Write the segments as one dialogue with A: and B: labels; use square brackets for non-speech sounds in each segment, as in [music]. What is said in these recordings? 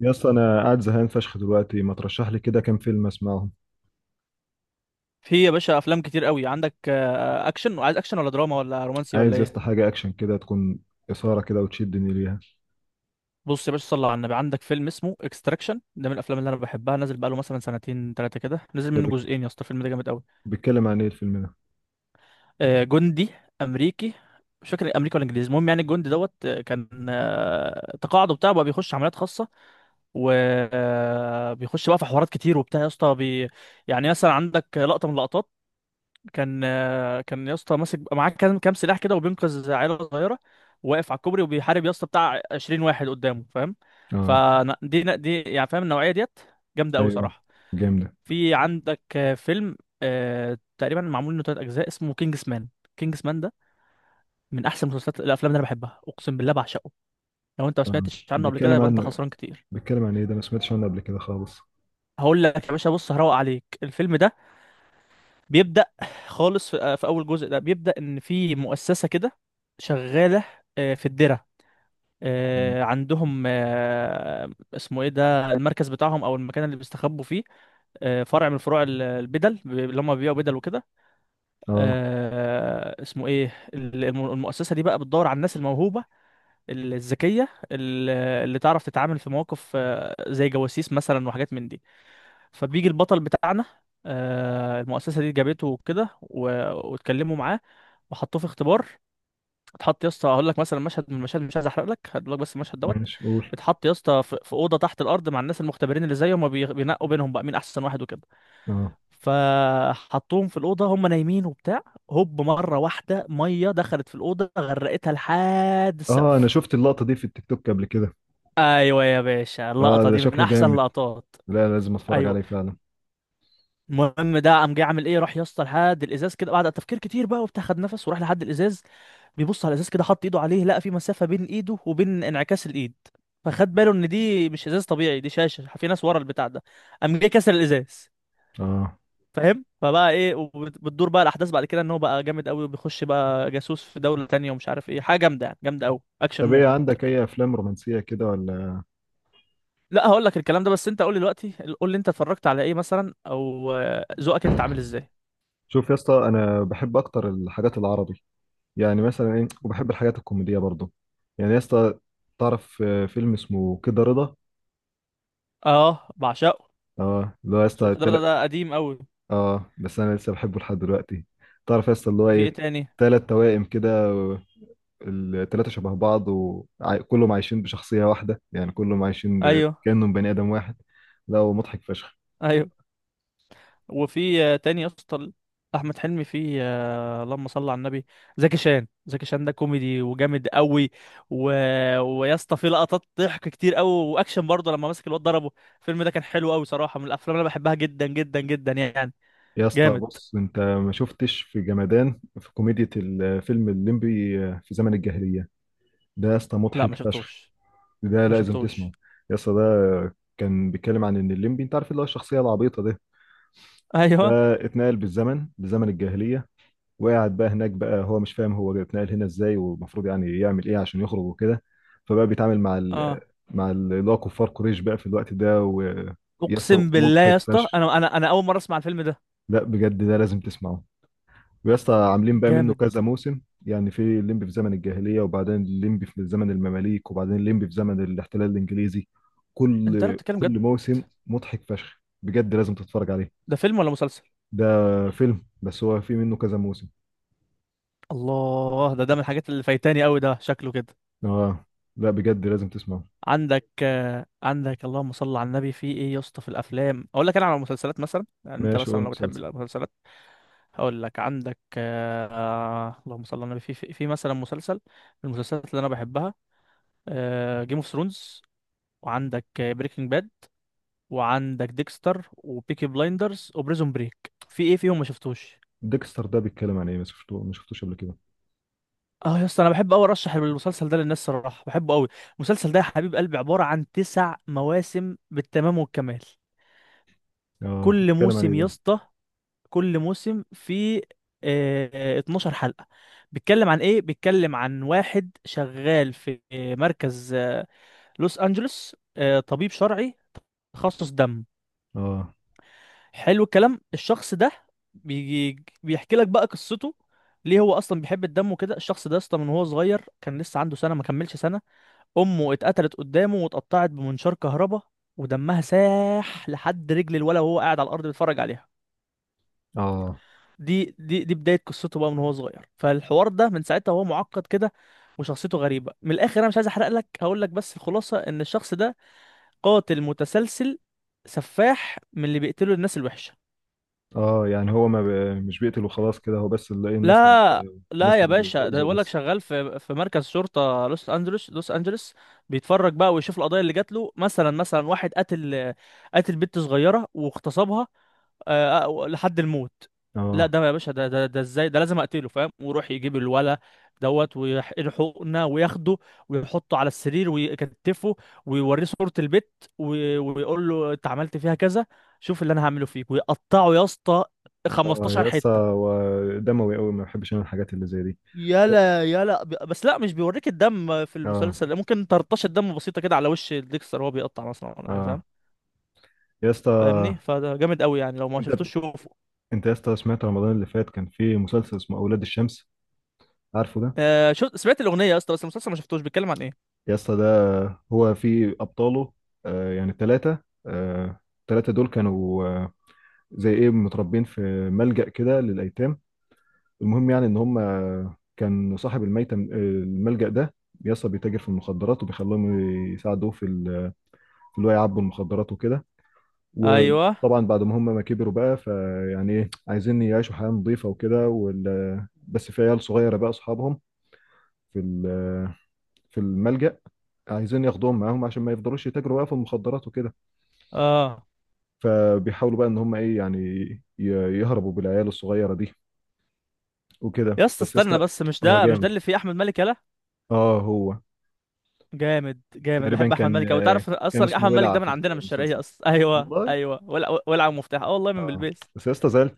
A: يا اسطى، انا قاعد زهقان فشخ دلوقتي، ما ترشح لي كده كام فيلم اسمعهم؟
B: في يا باشا افلام كتير قوي عندك، اكشن. وعايز اكشن ولا دراما ولا رومانسي ولا
A: عايز يا
B: ايه؟
A: اسطى حاجه اكشن كده، تكون اثاره كده وتشدني ليها.
B: بص يا باشا، صلى على النبي، عندك فيلم اسمه اكستراكشن. ده من الافلام اللي انا بحبها، نازل بقاله مثلا سنتين ثلاثه كده، نزل
A: ده
B: منه
A: بيك-
B: جزئين يا اسطى. الفيلم ده جامد قوي.
A: بيتكلم عن ايه الفيلم ده؟
B: جندي امريكي، مش فاكر امريكا ولا انجليزي، المهم يعني الجندي دوت كان تقاعده بتاعه بقى بيخش عمليات خاصه، وبيخش بقى في حوارات كتير وبتاع يا اسطى يعني مثلا عندك لقطه من اللقطات. كان كان يا اسطى ماسك معاه كام سلاح كده، وبينقذ عيله صغيره، واقف على الكوبري وبيحارب يا اسطى بتاع 20 واحد قدامه، فاهم؟
A: اه.
B: يعني فاهم النوعيه ديت، جامده قوي
A: ايوه،
B: صراحه.
A: جامد.
B: في عندك فيلم تقريبا معمول منه ثلاث اجزاء، اسمه كينجز مان. كينجز مان ده من احسن مسلسلات الافلام اللي انا بحبها، اقسم بالله بعشقه. لو انت ما
A: آه.
B: سمعتش عنه قبل كده
A: بيتكلم
B: يبقى انت
A: عن
B: خسران كتير.
A: بيتكلم عن ايه ده؟ ما سمعتش عنه قبل كده خالص.
B: هقول لك يا باشا، بص هروق عليك الفيلم ده. بيبدأ خالص في أول جزء، ده بيبدأ إن في مؤسسة كده شغالة، في الدرة، عندهم اسمه ايه ده، المركز بتاعهم او المكان اللي بيستخبوا فيه، فرع من فروع البدل، اللي هم بيبيعوا بدل وكده.
A: اه،
B: اسمه ايه المؤسسة دي بقى بتدور على الناس الموهوبة، الذكية، اللي تعرف تتعامل في مواقف زي جواسيس مثلا وحاجات من دي. فبيجي البطل بتاعنا، المؤسسه دي جابته وكده واتكلموا معاه وحطوه في اختبار. اتحط يا اسطى، هقول لك مثلا مشهد من المشاهد، مش عايز احرق لك، هقول لك بس المشهد دوت.
A: ماشي، قول.
B: اتحط يا اسطى في اوضه تحت الارض مع الناس المختبرين اللي زيه، هما بينقوا بينهم بقى مين احسن واحد وكده.
A: اه،
B: فحطوهم في الاوضه هما نايمين وبتاع، هوب مره واحده ميه دخلت في الاوضه غرقتها لحد
A: اه، انا
B: السقف.
A: شفت اللقطه دي في التيك توك قبل كده.
B: ايوه يا باشا،
A: اه،
B: اللقطه
A: ده
B: دي من
A: شكله
B: احسن
A: جامد.
B: لقطات.
A: لا، لازم اتفرج
B: ايوه،
A: عليه فعلا.
B: المهم ده قام جاي عامل ايه، راح يا اسطى لحد الازاز كده، بعد تفكير كتير بقى وبتاع، خد نفس وراح لحد الازاز. بيبص على الازاز كده، حط ايده عليه، لقى في مسافه بين ايده وبين انعكاس الايد، فخد باله ان دي مش ازاز طبيعي، دي شاشه في ناس ورا البتاع ده. قام جاي كسر الازاز،
A: اه،
B: فاهم؟ فبقى ايه، وبتدور بقى الاحداث بعد كده ان هو بقى جامد قوي، وبيخش بقى جاسوس في دوله تانية، ومش عارف ايه، حاجه جامده يعني، جامده قوي، اكشن
A: طب ايه،
B: مود.
A: عندك اي افلام رومانسيه كده ولا؟
B: لا هقول لك الكلام ده، بس انت قول لي دلوقتي، قول لي انت اتفرجت على ايه مثلا، او ذوقك انت عامل ازاي.
A: شوف يا اسطى، انا بحب اكتر الحاجات العربي. يعني مثلا ايه، وبحب الحاجات الكوميديه برضو. يعني يا اسطى، تعرف فيلم اسمه كده رضا؟
B: اه بعشقه.
A: اه، اللي هو يا اسطى
B: كدرادة
A: تلت.
B: ده قديم قوي.
A: اه، بس انا لسه بحبه لحد دلوقتي. تعرف يا اسطى اللي هو
B: في ايه
A: ايه؟
B: تاني؟
A: تلات توائم كده التلاتة شبه بعض وكلهم عايشين بشخصية واحدة، يعني كلهم عايشين
B: ايوه،
A: كأنهم بني آدم واحد. لا، ومضحك فشخ.
B: ايوه. وفي تاني يا اسطى، احمد حلمي في اللهم صل على النبي، زكي شان. زكي شان ده كوميدي وجامد قوي. و... ويا اسطى في لقطات ضحك كتير قوي، واكشن برضه لما مسك الواد ضربه. الفيلم ده كان حلو قوي صراحه، من الافلام اللي انا بحبها جدا جدا جدا يعني.
A: يا اسطى
B: جامد.
A: بص، انت ما شفتش في جمدان في كوميديا الفيلم الليمبي في زمن الجاهلية؟ ده يا اسطى
B: لا
A: مضحك
B: ما
A: فشخ.
B: شفتوش.
A: ده
B: ما
A: لازم
B: شفتوش.
A: تسمعه. يا اسطى ده كان بيتكلم عن ان الليمبي، انت عارف، اللي هو الشخصيه العبيطه ده. ده
B: ايوه.
A: اتنقل بالزمن لزمن الجاهليه. وقعد بقى هناك، بقى هو مش فاهم هو اتنقل هنا ازاي والمفروض يعني يعمل ايه عشان يخرج وكده. فبقى بيتعامل
B: اه.
A: اللي هو كفار قريش بقى في الوقت ده، ويسطا
B: اقسم بالله يا
A: مضحك
B: اسطى،
A: فشخ.
B: انا اول مره اسمع الفيلم ده.
A: لا بجد، ده لازم تسمعه. ويا اسطى، عاملين بقى منه
B: جامد.
A: كذا موسم. يعني في الليمبي في زمن الجاهلية، وبعدين الليمبي في زمن المماليك، وبعدين الليمبي في زمن الاحتلال الإنجليزي.
B: انت لا
A: كل
B: بتتكلم جد؟
A: كل موسم مضحك فشخ بجد، لازم تتفرج عليه.
B: ده فيلم ولا مسلسل؟
A: ده فيلم، بس هو في منه كذا موسم.
B: الله، ده ده من الحاجات اللي فايتاني قوي، ده شكله كده.
A: اه، لا بجد، لازم تسمعه.
B: عندك عندك اللهم صل على النبي في ايه يا اسطى في الافلام؟ اقول لك انا على المسلسلات مثلا يعني، انت
A: ماشي،
B: مثلا
A: قول
B: لو بتحب
A: مسلسل.
B: المسلسلات. هقول لك عندك اللهم صل على النبي، في في مثلا مسلسل من المسلسلات اللي انا بحبها: جيم اوف ثرونز، وعندك بريكنج باد، وعندك ديكستر وبيكي بلايندرز وبريزون بريك. في ايه فيهم ما شفتوش؟
A: ديكستر ده بيتكلم عن ايه؟ ما شفته، ما شفتوش قبل كده.
B: اه يا اسطى، انا بحب قوي ارشح المسلسل ده للناس صراحه، بحبه قوي. المسلسل ده يا حبيب قلبي عباره عن تسع مواسم بالتمام والكمال.
A: اه،
B: كل
A: بيتكلم عن ايه
B: موسم يا
A: ده؟
B: اسطى، كل موسم فيه 12 حلقه. بيتكلم عن ايه؟ بيتكلم عن واحد شغال في مركز لوس انجلوس، طبيب شرعي تخصص دم.
A: اه،
B: حلو. الكلام الشخص ده، بيجي بيحكي لك بقى قصته، ليه هو اصلا بيحب الدم وكده. الشخص ده اصلا من هو صغير، كان لسه عنده سنه ما كملش سنه، امه اتقتلت قدامه واتقطعت بمنشار كهرباء، ودمها ساح لحد رجل الولا وهو قاعد على الارض بيتفرج عليها.
A: اه،
B: دي بدايه قصته بقى من هو صغير، فالحوار ده من ساعتها وهو معقد كده، وشخصيته غريبه من الاخر. انا مش عايز احرق لك، هقول لك بس الخلاصه ان الشخص ده قاتل متسلسل، سفاح، من اللي بيقتلوا الناس الوحشه.
A: اه، يعني هو ما ب... مش بيقتل وخلاص كده هو، بس اللي ايه الناس.
B: لا
A: الناس
B: يا باشا، ده
A: المؤذية
B: بقول لك
A: بس.
B: شغال في مركز شرطه لوس انجلوس، لوس انجلوس. بيتفرج بقى ويشوف القضايا اللي جات له، مثلا مثلا واحد قتل، قتل بنت صغيره واغتصبها لحد الموت. لا
A: اه،
B: ده يا باشا، ده ازاي، ده لازم اقتله، فاهم؟ ويروح يجيب الولا دوت، ويحقنه وياخده ويحطه على السرير ويكتفه، ويوريه صورة البت، ويقول له انت عملت فيها كذا، شوف اللي انا هعمله فيك، ويقطعه يا اسطى
A: اه
B: 15
A: يا اسطى،
B: حتة.
A: هو دموي قوي، ما بحبش انا الحاجات اللي زي دي.
B: بس لا، مش بيوريك الدم في
A: اه،
B: المسلسل ده، ممكن ترطشة دم بسيطة كده على وش ديكستر وهو بيقطع مثلا ولا حاجة،
A: اه
B: فاهم؟
A: يا اسطى.
B: فاهمني؟ فده جامد قوي يعني، لو ما
A: انت
B: شفتوش شوفه.
A: انت يا اسطى، سمعت رمضان اللي فات كان في مسلسل اسمه اولاد الشمس؟ عارفه ده؟
B: آه شو، سمعت الأغنية يا اسطى، بس المسلسل ما شفتوش، بيتكلم عن ايه؟
A: يا اسطى ده، هو في ابطاله يعني ثلاثه دول كانوا زي ايه، متربين في ملجأ كده للايتام. المهم يعني ان هم، كان صاحب الميتة الملجأ ده يا اسطى، بيتاجر في المخدرات وبيخليهم يساعدوه في اللي هو يعبوا المخدرات وكده.
B: ايوه.
A: وطبعا بعد ما هم ما كبروا بقى، فيعني ايه عايزين يعيشوا حياة نظيفة وكده بس في عيال صغيرة بقى أصحابهم في ال- في الملجأ، عايزين ياخدوهم معاهم عشان ما يفضلوش يتاجروا بقى في المخدرات وكده.
B: اه.
A: فبيحاولوا بقى ان هم ايه يعني، ي- يهربوا بالعيال الصغيرة دي وكده،
B: يا اسطى
A: بس يا
B: استنى
A: اسطى.
B: بس، مش
A: هو
B: ده مش ده
A: جامد.
B: اللي فيه أحمد مالك؟ يلا
A: اه، هو
B: جامد جامد،
A: تقريبا
B: بحب أحمد
A: كان
B: مالك أوي. تعرف
A: كان
B: أصلا
A: اسمه
B: أحمد مالك
A: ولع
B: ده
A: في
B: من عندنا من الشرقية
A: المسلسل.
B: أصلا؟ [laughs] ايوه
A: والله.
B: ايوه، ولع ولع مفتاح، اه والله، من
A: اه،
B: بلبيس.
A: بس يا اسطى، زعلت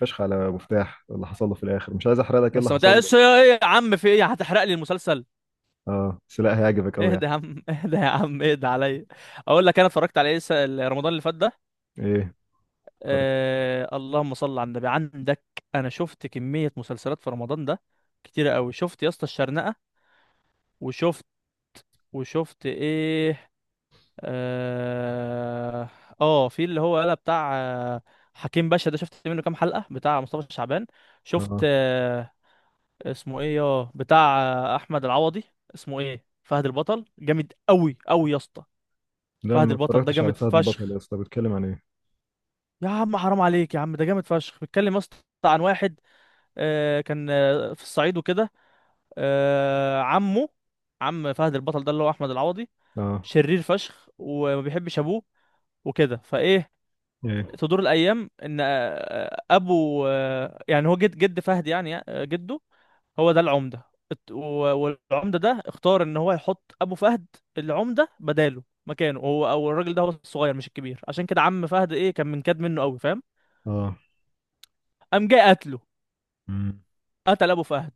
A: فشخ على مفتاح اللي حصل له في الاخر، مش عايز احرق لك ايه اللي
B: بس ما
A: حصل له.
B: تقلقش ايه يا عم، في ايه هتحرق لي المسلسل؟
A: اه بس لا، هيعجبك قوي
B: اهدى
A: يعني.
B: يا عم، اهدى يا عم، اهدى عليا. اقول لك انا اتفرجت على ايه رمضان اللي فات ده.
A: ايه؟ اتفرجت.
B: اللهم صل على النبي، عندك، انا شفت كمية مسلسلات في رمضان ده كتيرة قوي. شفت يا اسطى الشرنقة، وشفت، وشفت ايه، اه, في اللي هو قال بتاع حكيم باشا، ده شفت منه كام حلقة، بتاع مصطفى شعبان. شفت
A: اه،
B: اسمه ايه يا بتاع، احمد العوضي، اسمه ايه، فهد البطل. جامد قوي قوي يا اسطى.
A: لا
B: فهد
A: ما
B: البطل ده
A: اتفرجتش على
B: جامد
A: فهد البطل، يا
B: فشخ،
A: اسطى بيتكلم عن ايه؟
B: يا عم حرام عليك يا عم، ده جامد فشخ. بيتكلم يا اسطى عن واحد كان في الصعيد وكده. عمه، عم فهد البطل ده اللي هو احمد العوضي،
A: اه.
B: شرير فشخ وما بيحبش ابوه وكده فايه.
A: ايه؟
B: تدور الايام ان ابو يعني هو جد فهد يعني جده، هو ده العمده. الت- و- والعمده ده اختار ان هو يحط ابو فهد العمده بداله مكانه هو، او الراجل ده هو الصغير مش الكبير. عشان كده عم فهد ايه، كان منكد منه قوي، فاهم؟
A: اه.
B: قام جاي قتله،
A: امم.
B: قتل ابو فهد،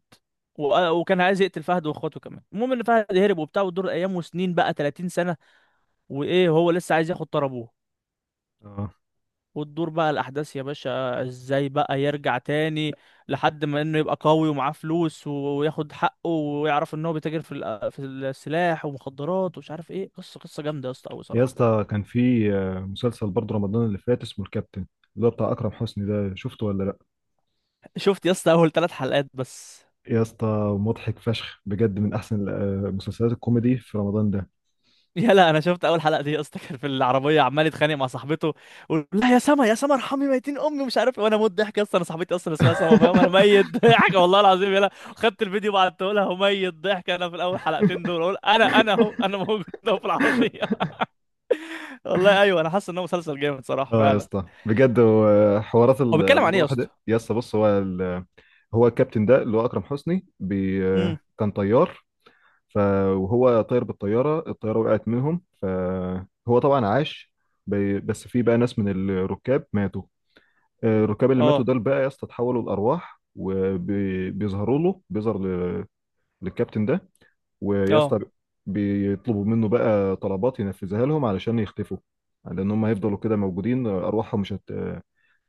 B: وكان عايز يقتل فهد واخواته كمان. المهم ان فهد هرب وبتاع، وتدور ايام وسنين بقى 30 سنه وايه، هو لسه عايز ياخد طار ابوه.
A: اه.
B: وتدور بقى الاحداث يا باشا ازاي بقى يرجع تاني، لحد ما انه يبقى قوي ومعاه فلوس وياخد حقه، ويعرف ان هو بيتاجر في في السلاح ومخدرات ومش عارف ايه. قصه قصه جامده يا اسطى قوي
A: يا
B: صراحه.
A: اسطى كان في مسلسل برضه رمضان اللي فات اسمه الكابتن. اللي هو بتاع اكرم حسني ده، شفته ولا لا؟
B: شفت يا اسطى اول ثلاث حلقات بس.
A: يا اسطى مضحك فشخ بجد، من احسن مسلسلات الكوميدي في رمضان ده.
B: يلا انا شفت اول حلقه دي يا اسطى، كان في العربيه عمال يتخانق مع صاحبته، ويقول لا يا سما يا سما ارحمي ميتين امي مش عارف إيه، وانا موت ضحك يا اسطى، انا صاحبتي اصلا اسمها سما، فاهم؟ انا ميت [laughs] ضحك والله العظيم، يلا خدت الفيديو وبعته لها، وميت ضحك. انا في الاول حلقتين دول اقول انا اهو، انا موجود [laughs] اهو في العربيه. [laughs] والله ايوه، انا حاسس انه مسلسل جامد صراحه
A: اه يا
B: فعلا.
A: اسطى بجد، هو حوارات
B: هو بيتكلم عن ايه يا اسطى؟
A: الواحد، يا اسطى بص، هو الكابتن ده اللي هو اكرم حسني
B: امم
A: كان طيار. ف وهو طاير بالطيارة، الطيارة وقعت منهم، فهو طبعا عاش. بس في بقى ناس من الركاب ماتوا. الركاب اللي ماتوا
B: اه.
A: دول بقى يا اسطى، اتحولوا لأرواح وبيظهروا له، للكابتن ده. ويا
B: اه.
A: اسطى، بيطلبوا منه بقى طلبات ينفذها لهم علشان يختفوا. لأن هم هيفضلوا كده موجودين، أرواحهم مش هت...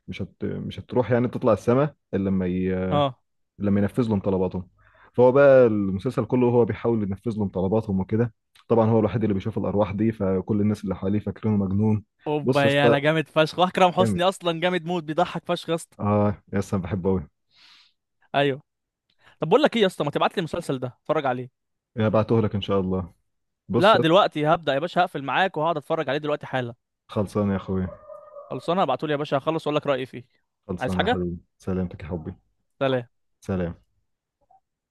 A: مش هت... مش هتروح يعني تطلع السماء، إلا
B: اه.
A: لما ينفذ لهم طلباتهم. فهو بقى، المسلسل كله هو بيحاول ينفذ لهم طلباتهم وكده. طبعا هو الوحيد اللي بيشوف الارواح دي، فكل الناس اللي حواليه فاكرينه مجنون. بص
B: اوبا،
A: يا
B: يلا
A: اسطى.
B: جامد فشخ، واكرم حسني
A: جامد.
B: اصلا جامد، موت بيضحك فشخ يا اسطى.
A: اه يا اسطى، أنا بحبه قوي.
B: ايوه. طب بقول لك ايه يا اسطى، ما تبعت لي المسلسل ده اتفرج عليه.
A: هبعته لك ان شاء الله. بص
B: لا
A: يا اسطى.
B: دلوقتي هبدأ يا باشا، هقفل معاك وهقعد اتفرج عليه دلوقتي حالا.
A: خلصان يا اخويا.
B: خلصانه، ابعتولي يا باشا، هخلص واقول لك رأيي فيه. عايز
A: خلصان يا
B: حاجة؟
A: حبيبي، سلامتك يا حبي.
B: سلام.
A: سلام.